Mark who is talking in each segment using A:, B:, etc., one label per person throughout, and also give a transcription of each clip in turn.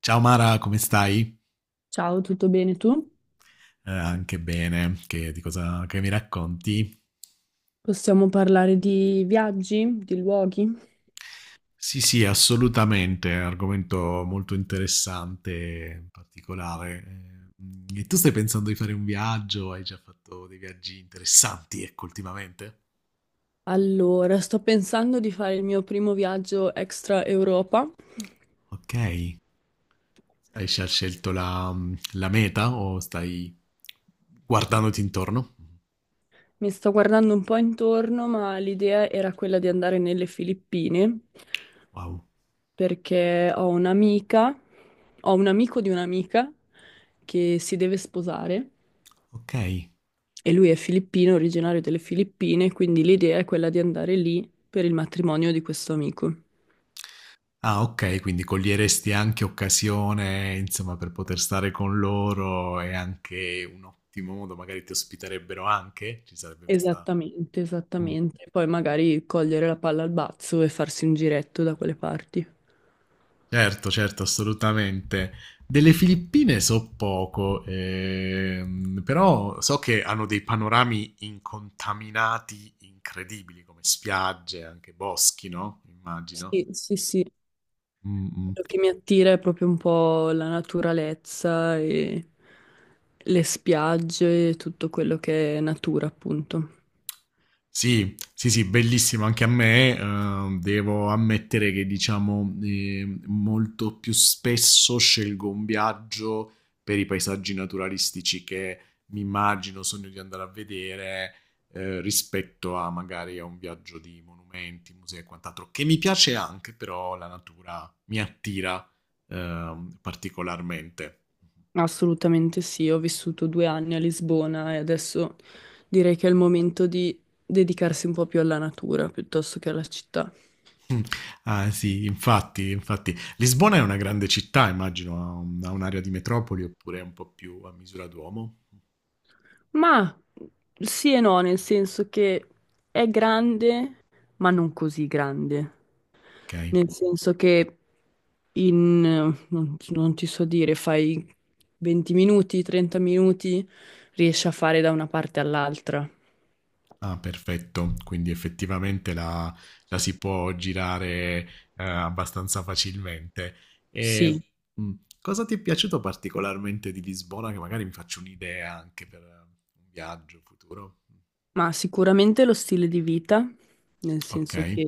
A: Ciao Mara, come stai?
B: Ciao, tutto bene tu?
A: Anche bene, che, di cosa che mi racconti?
B: Possiamo parlare di viaggi, di luoghi?
A: Sì, sì, assolutamente, è un argomento molto interessante, particolare. E tu stai pensando di fare un viaggio? Hai già fatto dei viaggi interessanti, ecco, ultimamente?
B: Allora, sto pensando di fare il mio primo viaggio extra Europa.
A: Ok, hai già scelto la meta o stai guardandoti intorno?
B: Mi sto guardando un po' intorno, ma l'idea era quella di andare nelle Filippine,
A: Wow,
B: perché ho un'amica, ho un amico di un'amica che si deve sposare
A: ok.
B: e lui è filippino, originario delle Filippine, quindi l'idea è quella di andare lì per il matrimonio di questo amico.
A: Ah, okay, quindi coglieresti anche occasione, insomma, per poter stare con loro e anche un ottimo modo magari ti ospiterebbero anche? Ci sarebbe questa.
B: Esattamente,
A: Mh,
B: esattamente. Poi magari cogliere la palla al balzo e farsi un giretto da quelle parti.
A: certo, certo, assolutamente. Delle Filippine so poco, però so che hanno dei panorami incontaminati incredibili, come spiagge, anche boschi, no, immagino.
B: Sì, sì, sì.
A: Mh-mh.
B: Quello che mi attira è proprio un po' la naturalezza e le spiagge e tutto quello che è natura, appunto.
A: Sì, sì, sì, bellissimo anche a me. Devo ammettere che, diciamo, molto più spesso scelgo un viaggio per i paesaggi naturalistici che mi immagino, sogno di andare a vedere, rispetto a magari a un viaggio di monumenti, musei e quant'altro, che mi piace anche, però la natura mi attira, particolarmente.
B: Assolutamente sì, ho vissuto due anni a Lisbona e adesso direi che è il momento di dedicarsi un po' più alla natura piuttosto che alla città.
A: Mm. Ah sì, infatti, infatti. Lisbona è una grande città, immagino, ha un'area di metropoli oppure è un po' più a misura d'uomo.
B: Ma sì e no, nel senso che è grande, ma non così grande.
A: Ok.
B: Nel senso che non ti so dire, fai 20 minuti, 30 minuti, riesci a fare da una parte all'altra.
A: Ah, perfetto. Quindi effettivamente la si può girare abbastanza facilmente.
B: Sì,
A: E mm, cosa ti è piaciuto particolarmente di Lisbona? Che magari mi faccio un'idea anche per un viaggio futuro.
B: ma sicuramente lo stile di vita, nel
A: Ok,
B: senso che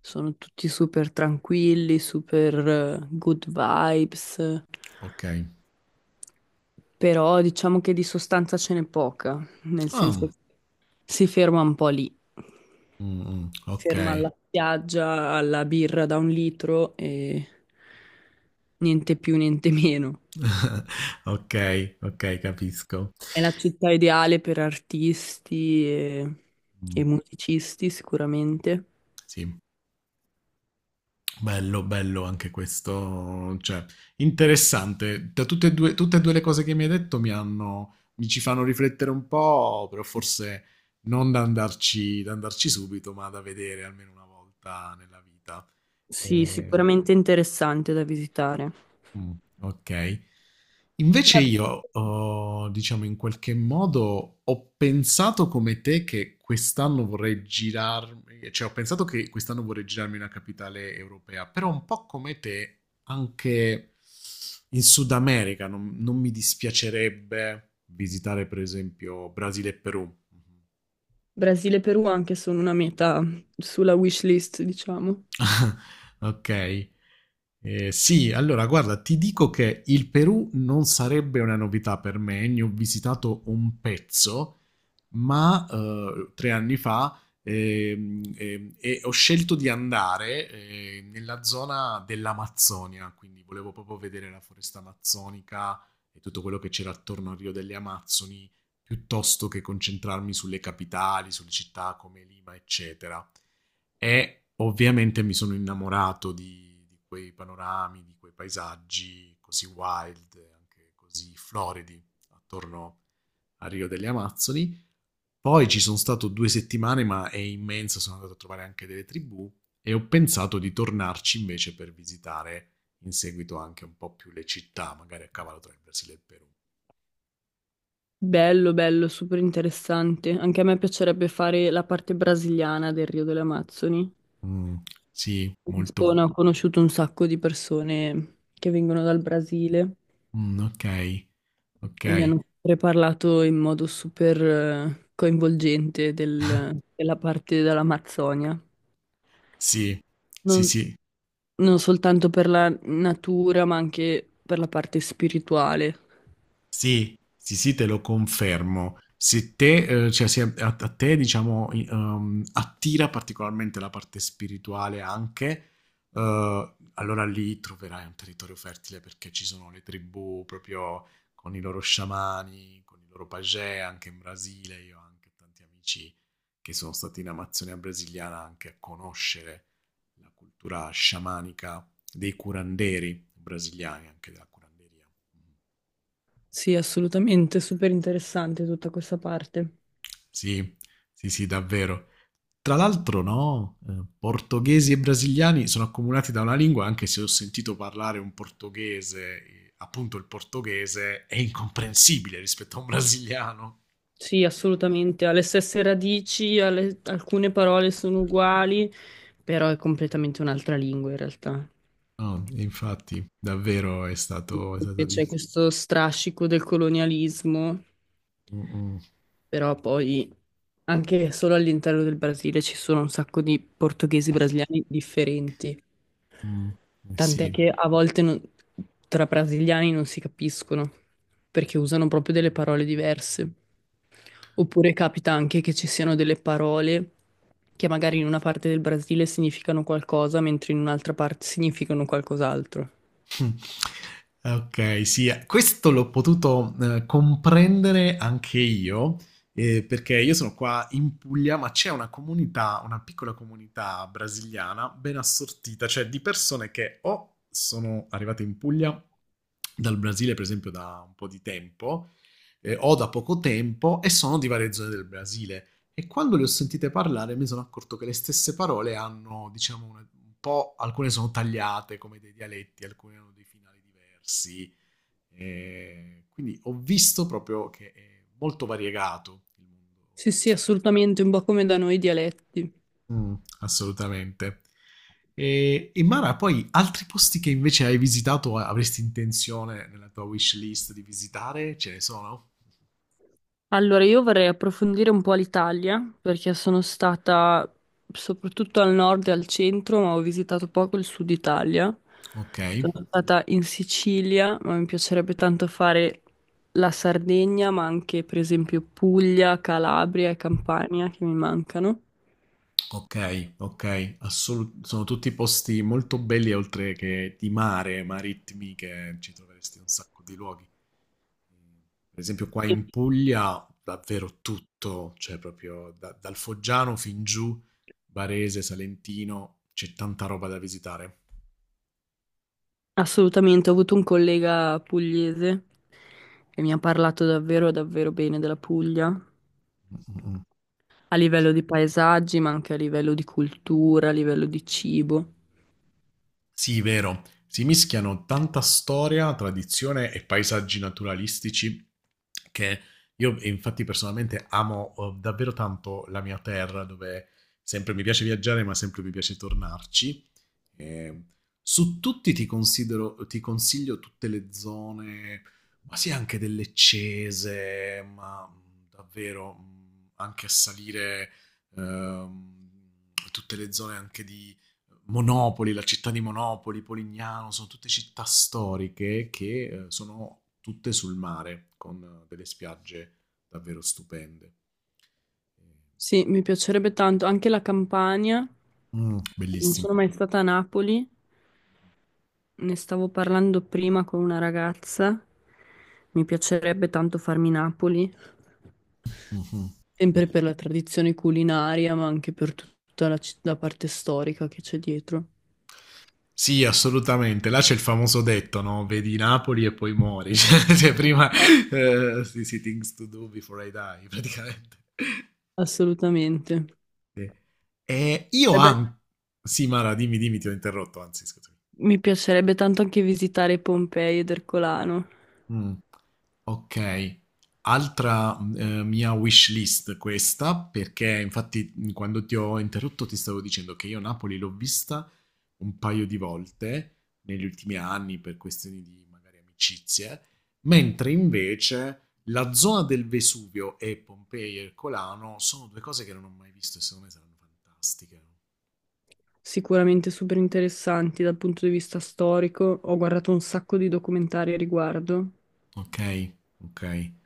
B: sono tutti super tranquilli, super good vibes.
A: ok.
B: Però diciamo che di sostanza ce n'è poca, nel senso
A: Ah,
B: che si ferma un po' lì,
A: mm, mm, ok,
B: ferma alla spiaggia, alla birra da un litro e niente più, niente meno.
A: ok, ok, capisco.
B: È la città ideale per artisti e
A: Mh,
B: musicisti, sicuramente.
A: sì, bello, bello anche questo, cioè interessante. Da tutte e 2 le cose che mi hai detto mi ci fanno riflettere un po', però forse non da andarci subito, ma da vedere almeno una volta nella vita.
B: Sì,
A: Ehm
B: sicuramente interessante da visitare.
A: Mh, okay. Invece
B: Da-
A: io, diciamo in qualche modo ho pensato come te che quest'anno vorrei girarmi, cioè ho pensato che quest'anno vorrei girarmi in una capitale europea, però un po' come te anche in Sud America non mi dispiacerebbe visitare per esempio Brasile e Perù.
B: Brasile e Perù anche sono una meta sulla wish list, diciamo.
A: Okay. Sì, allora guarda, ti dico che il Perù non sarebbe una novità per me, eh. Ne ho visitato un pezzo, ma 3 anni fa e ho scelto di andare nella zona dell'Amazzonia, quindi volevo proprio vedere la foresta amazzonica e tutto quello che c'era attorno al Rio delle Amazzoni, piuttosto che concentrarmi sulle capitali, sulle città come Lima, eccetera. E ovviamente mi sono innamorato di quei panorami, di quei paesaggi così wild, anche così floridi attorno al Rio delle Amazzoni, poi ci sono stato 2 settimane, ma è immenso, sono andato a trovare anche delle tribù e ho pensato di tornarci invece per visitare in seguito anche un po' più le città, magari a cavallo tra il Brasile e il Perù.
B: Bello, bello, super interessante. Anche a me piacerebbe fare la parte brasiliana del Rio delle Amazzoni.
A: Mm, sì,
B: A
A: molto.
B: Lisbona ho conosciuto un sacco di persone che vengono dal Brasile
A: Mm, ok, ok,
B: e mi hanno sempre parlato in modo super coinvolgente della parte dell'Amazzonia.
A: sì, sì,
B: Non,
A: sì.
B: non soltanto per la natura, ma anche per la parte spirituale.
A: Sì, sì, sì, te lo confermo. Se te, cioè, se a te, diciamo, attira particolarmente la parte spirituale anche, allora lì troverai un territorio fertile perché ci sono le tribù proprio con i loro sciamani, con i loro pagè, anche in Brasile. Io ho anche tanti amici che sono stati in Amazzonia brasiliana anche a conoscere la cultura sciamanica dei curanderi brasiliani, anche della curanderia. Mm.
B: Sì, assolutamente, super interessante tutta questa parte.
A: Sì, sì, sì, davvero. Tra l'altro, no, portoghesi e brasiliani sono accomunati da una lingua, anche se ho sentito parlare un portoghese, appunto il portoghese è incomprensibile rispetto a un brasiliano.
B: Sì, assolutamente, ha le stesse radici, alcune parole sono uguali, però è completamente un'altra lingua in realtà.
A: No, e infatti, davvero è stato
B: E c'è
A: difficile.
B: questo strascico del colonialismo.
A: Mm, mm,
B: Però poi anche solo all'interno del Brasile ci sono un sacco di portoghesi brasiliani differenti,
A: mm, eh
B: tant'è
A: sì.
B: che a volte tra brasiliani non si capiscono perché usano proprio delle parole diverse. Oppure capita anche che ci siano delle parole che magari in una parte del Brasile significano qualcosa, mentre in un'altra parte significano qualcos'altro.
A: Ok, sì, questo l'ho potuto comprendere anche io, perché io sono qua in Puglia, ma c'è una comunità, una piccola comunità brasiliana ben assortita, cioè di persone che o sono arrivate in Puglia dal Brasile, per esempio, da un po' di tempo, o da poco tempo, e sono di varie zone del Brasile. E quando le ho sentite parlare mi sono accorto che le stesse parole hanno, diciamo, un po', alcune sono tagliate come dei dialetti, alcune hanno dei finali diversi. E quindi ho visto proprio che è molto variegato il mondo di
B: Sì, sì,
A: questa lingua.
B: assolutamente, un po' come da noi i dialetti.
A: Mm, assolutamente. E Mara, poi altri posti che invece hai visitato, o avresti intenzione nella tua wish list di visitare? Ce ne sono?
B: Allora, io vorrei approfondire un po' l'Italia perché sono stata soprattutto al nord e al centro, ma ho visitato poco il sud Italia.
A: Ok.
B: Sono stata in Sicilia, ma mi piacerebbe tanto fare la Sardegna, ma anche per esempio Puglia, Calabria e Campania che mi mancano.
A: Ok, ok, sono tutti posti molto belli oltre che di mare, marittimi, che ci troveresti in un sacco di luoghi. Per esempio qua
B: E
A: in Puglia davvero tutto, cioè proprio dal Foggiano fin giù, Barese, Salentino, c'è tanta roba da visitare.
B: assolutamente, ho avuto un collega pugliese che mi ha parlato davvero, davvero bene della Puglia,
A: Mm, mm, mm.
B: a livello di paesaggi, ma anche a livello di cultura, a livello di cibo.
A: Sì, vero. Si mischiano tanta storia, tradizione e paesaggi naturalistici, che io e infatti personalmente amo davvero tanto la mia terra, dove sempre mi piace viaggiare, ma sempre mi piace tornarci. Eh, Su tutti ti consiglio tutte le zone, ma sì, anche delle Cese, ma davvero anche a salire, ehm, tutte le zone anche di Monopoli, la città di Monopoli, Polignano, sono tutte città storiche che sono tutte sul mare, con delle spiagge davvero stupende.
B: Sì, mi piacerebbe tanto, anche la Campania.
A: Mm,
B: Non
A: bellissimo.
B: sono mai stata a Napoli, ne stavo parlando prima con una ragazza. Mi piacerebbe tanto farmi Napoli,
A: Mhm.
B: sempre per la tradizione culinaria, ma anche per tutta la parte storica che c'è dietro.
A: Sì, assolutamente. Là c'è il famoso detto, no? Vedi Napoli e poi muori. Cioè, prima,
B: Eh,
A: sì, sì, things to do before I die, praticamente.
B: assolutamente.
A: Sì. E io
B: E beh,
A: anche. Sì, Mara, dimmi, dimmi, ti ho interrotto, anzi, scusa.
B: mi piacerebbe tanto anche visitare Pompei ed Ercolano,
A: Mh, okay. Altra mia wish list questa, perché infatti, quando ti ho interrotto ti stavo dicendo che io Napoli l'ho vista un paio di volte negli ultimi anni per questioni di magari amicizie, mentre invece la zona del Vesuvio e Pompei e il Colano sono 2 cose che non ho mai visto e secondo me saranno fantastiche.
B: sicuramente super interessanti dal punto di vista storico. Ho guardato un sacco di documentari a riguardo.
A: Okay, okay.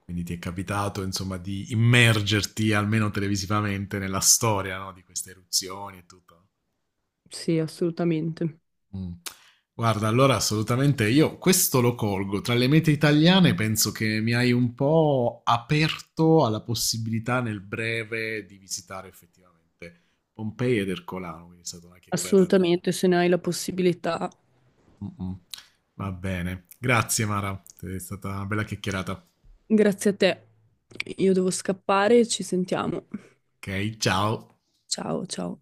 A: Quindi ti è capitato, insomma, di immergerti almeno televisivamente nella storia, no, di queste eruzioni e tutto.
B: Sì, assolutamente.
A: Mm. Guarda, allora assolutamente io questo lo colgo. Tra le mete italiane penso che mi hai un po' aperto alla possibilità nel breve di visitare effettivamente Pompei ed Ercolano, quindi è stata una chiacchierata.
B: Assolutamente, se ne hai la possibilità.
A: Mm, mm. Va bene. Grazie Mara, è stata una bella chiacchierata.
B: Grazie a te. Io devo scappare, ci sentiamo.
A: Ok, ciao.
B: Ciao, ciao.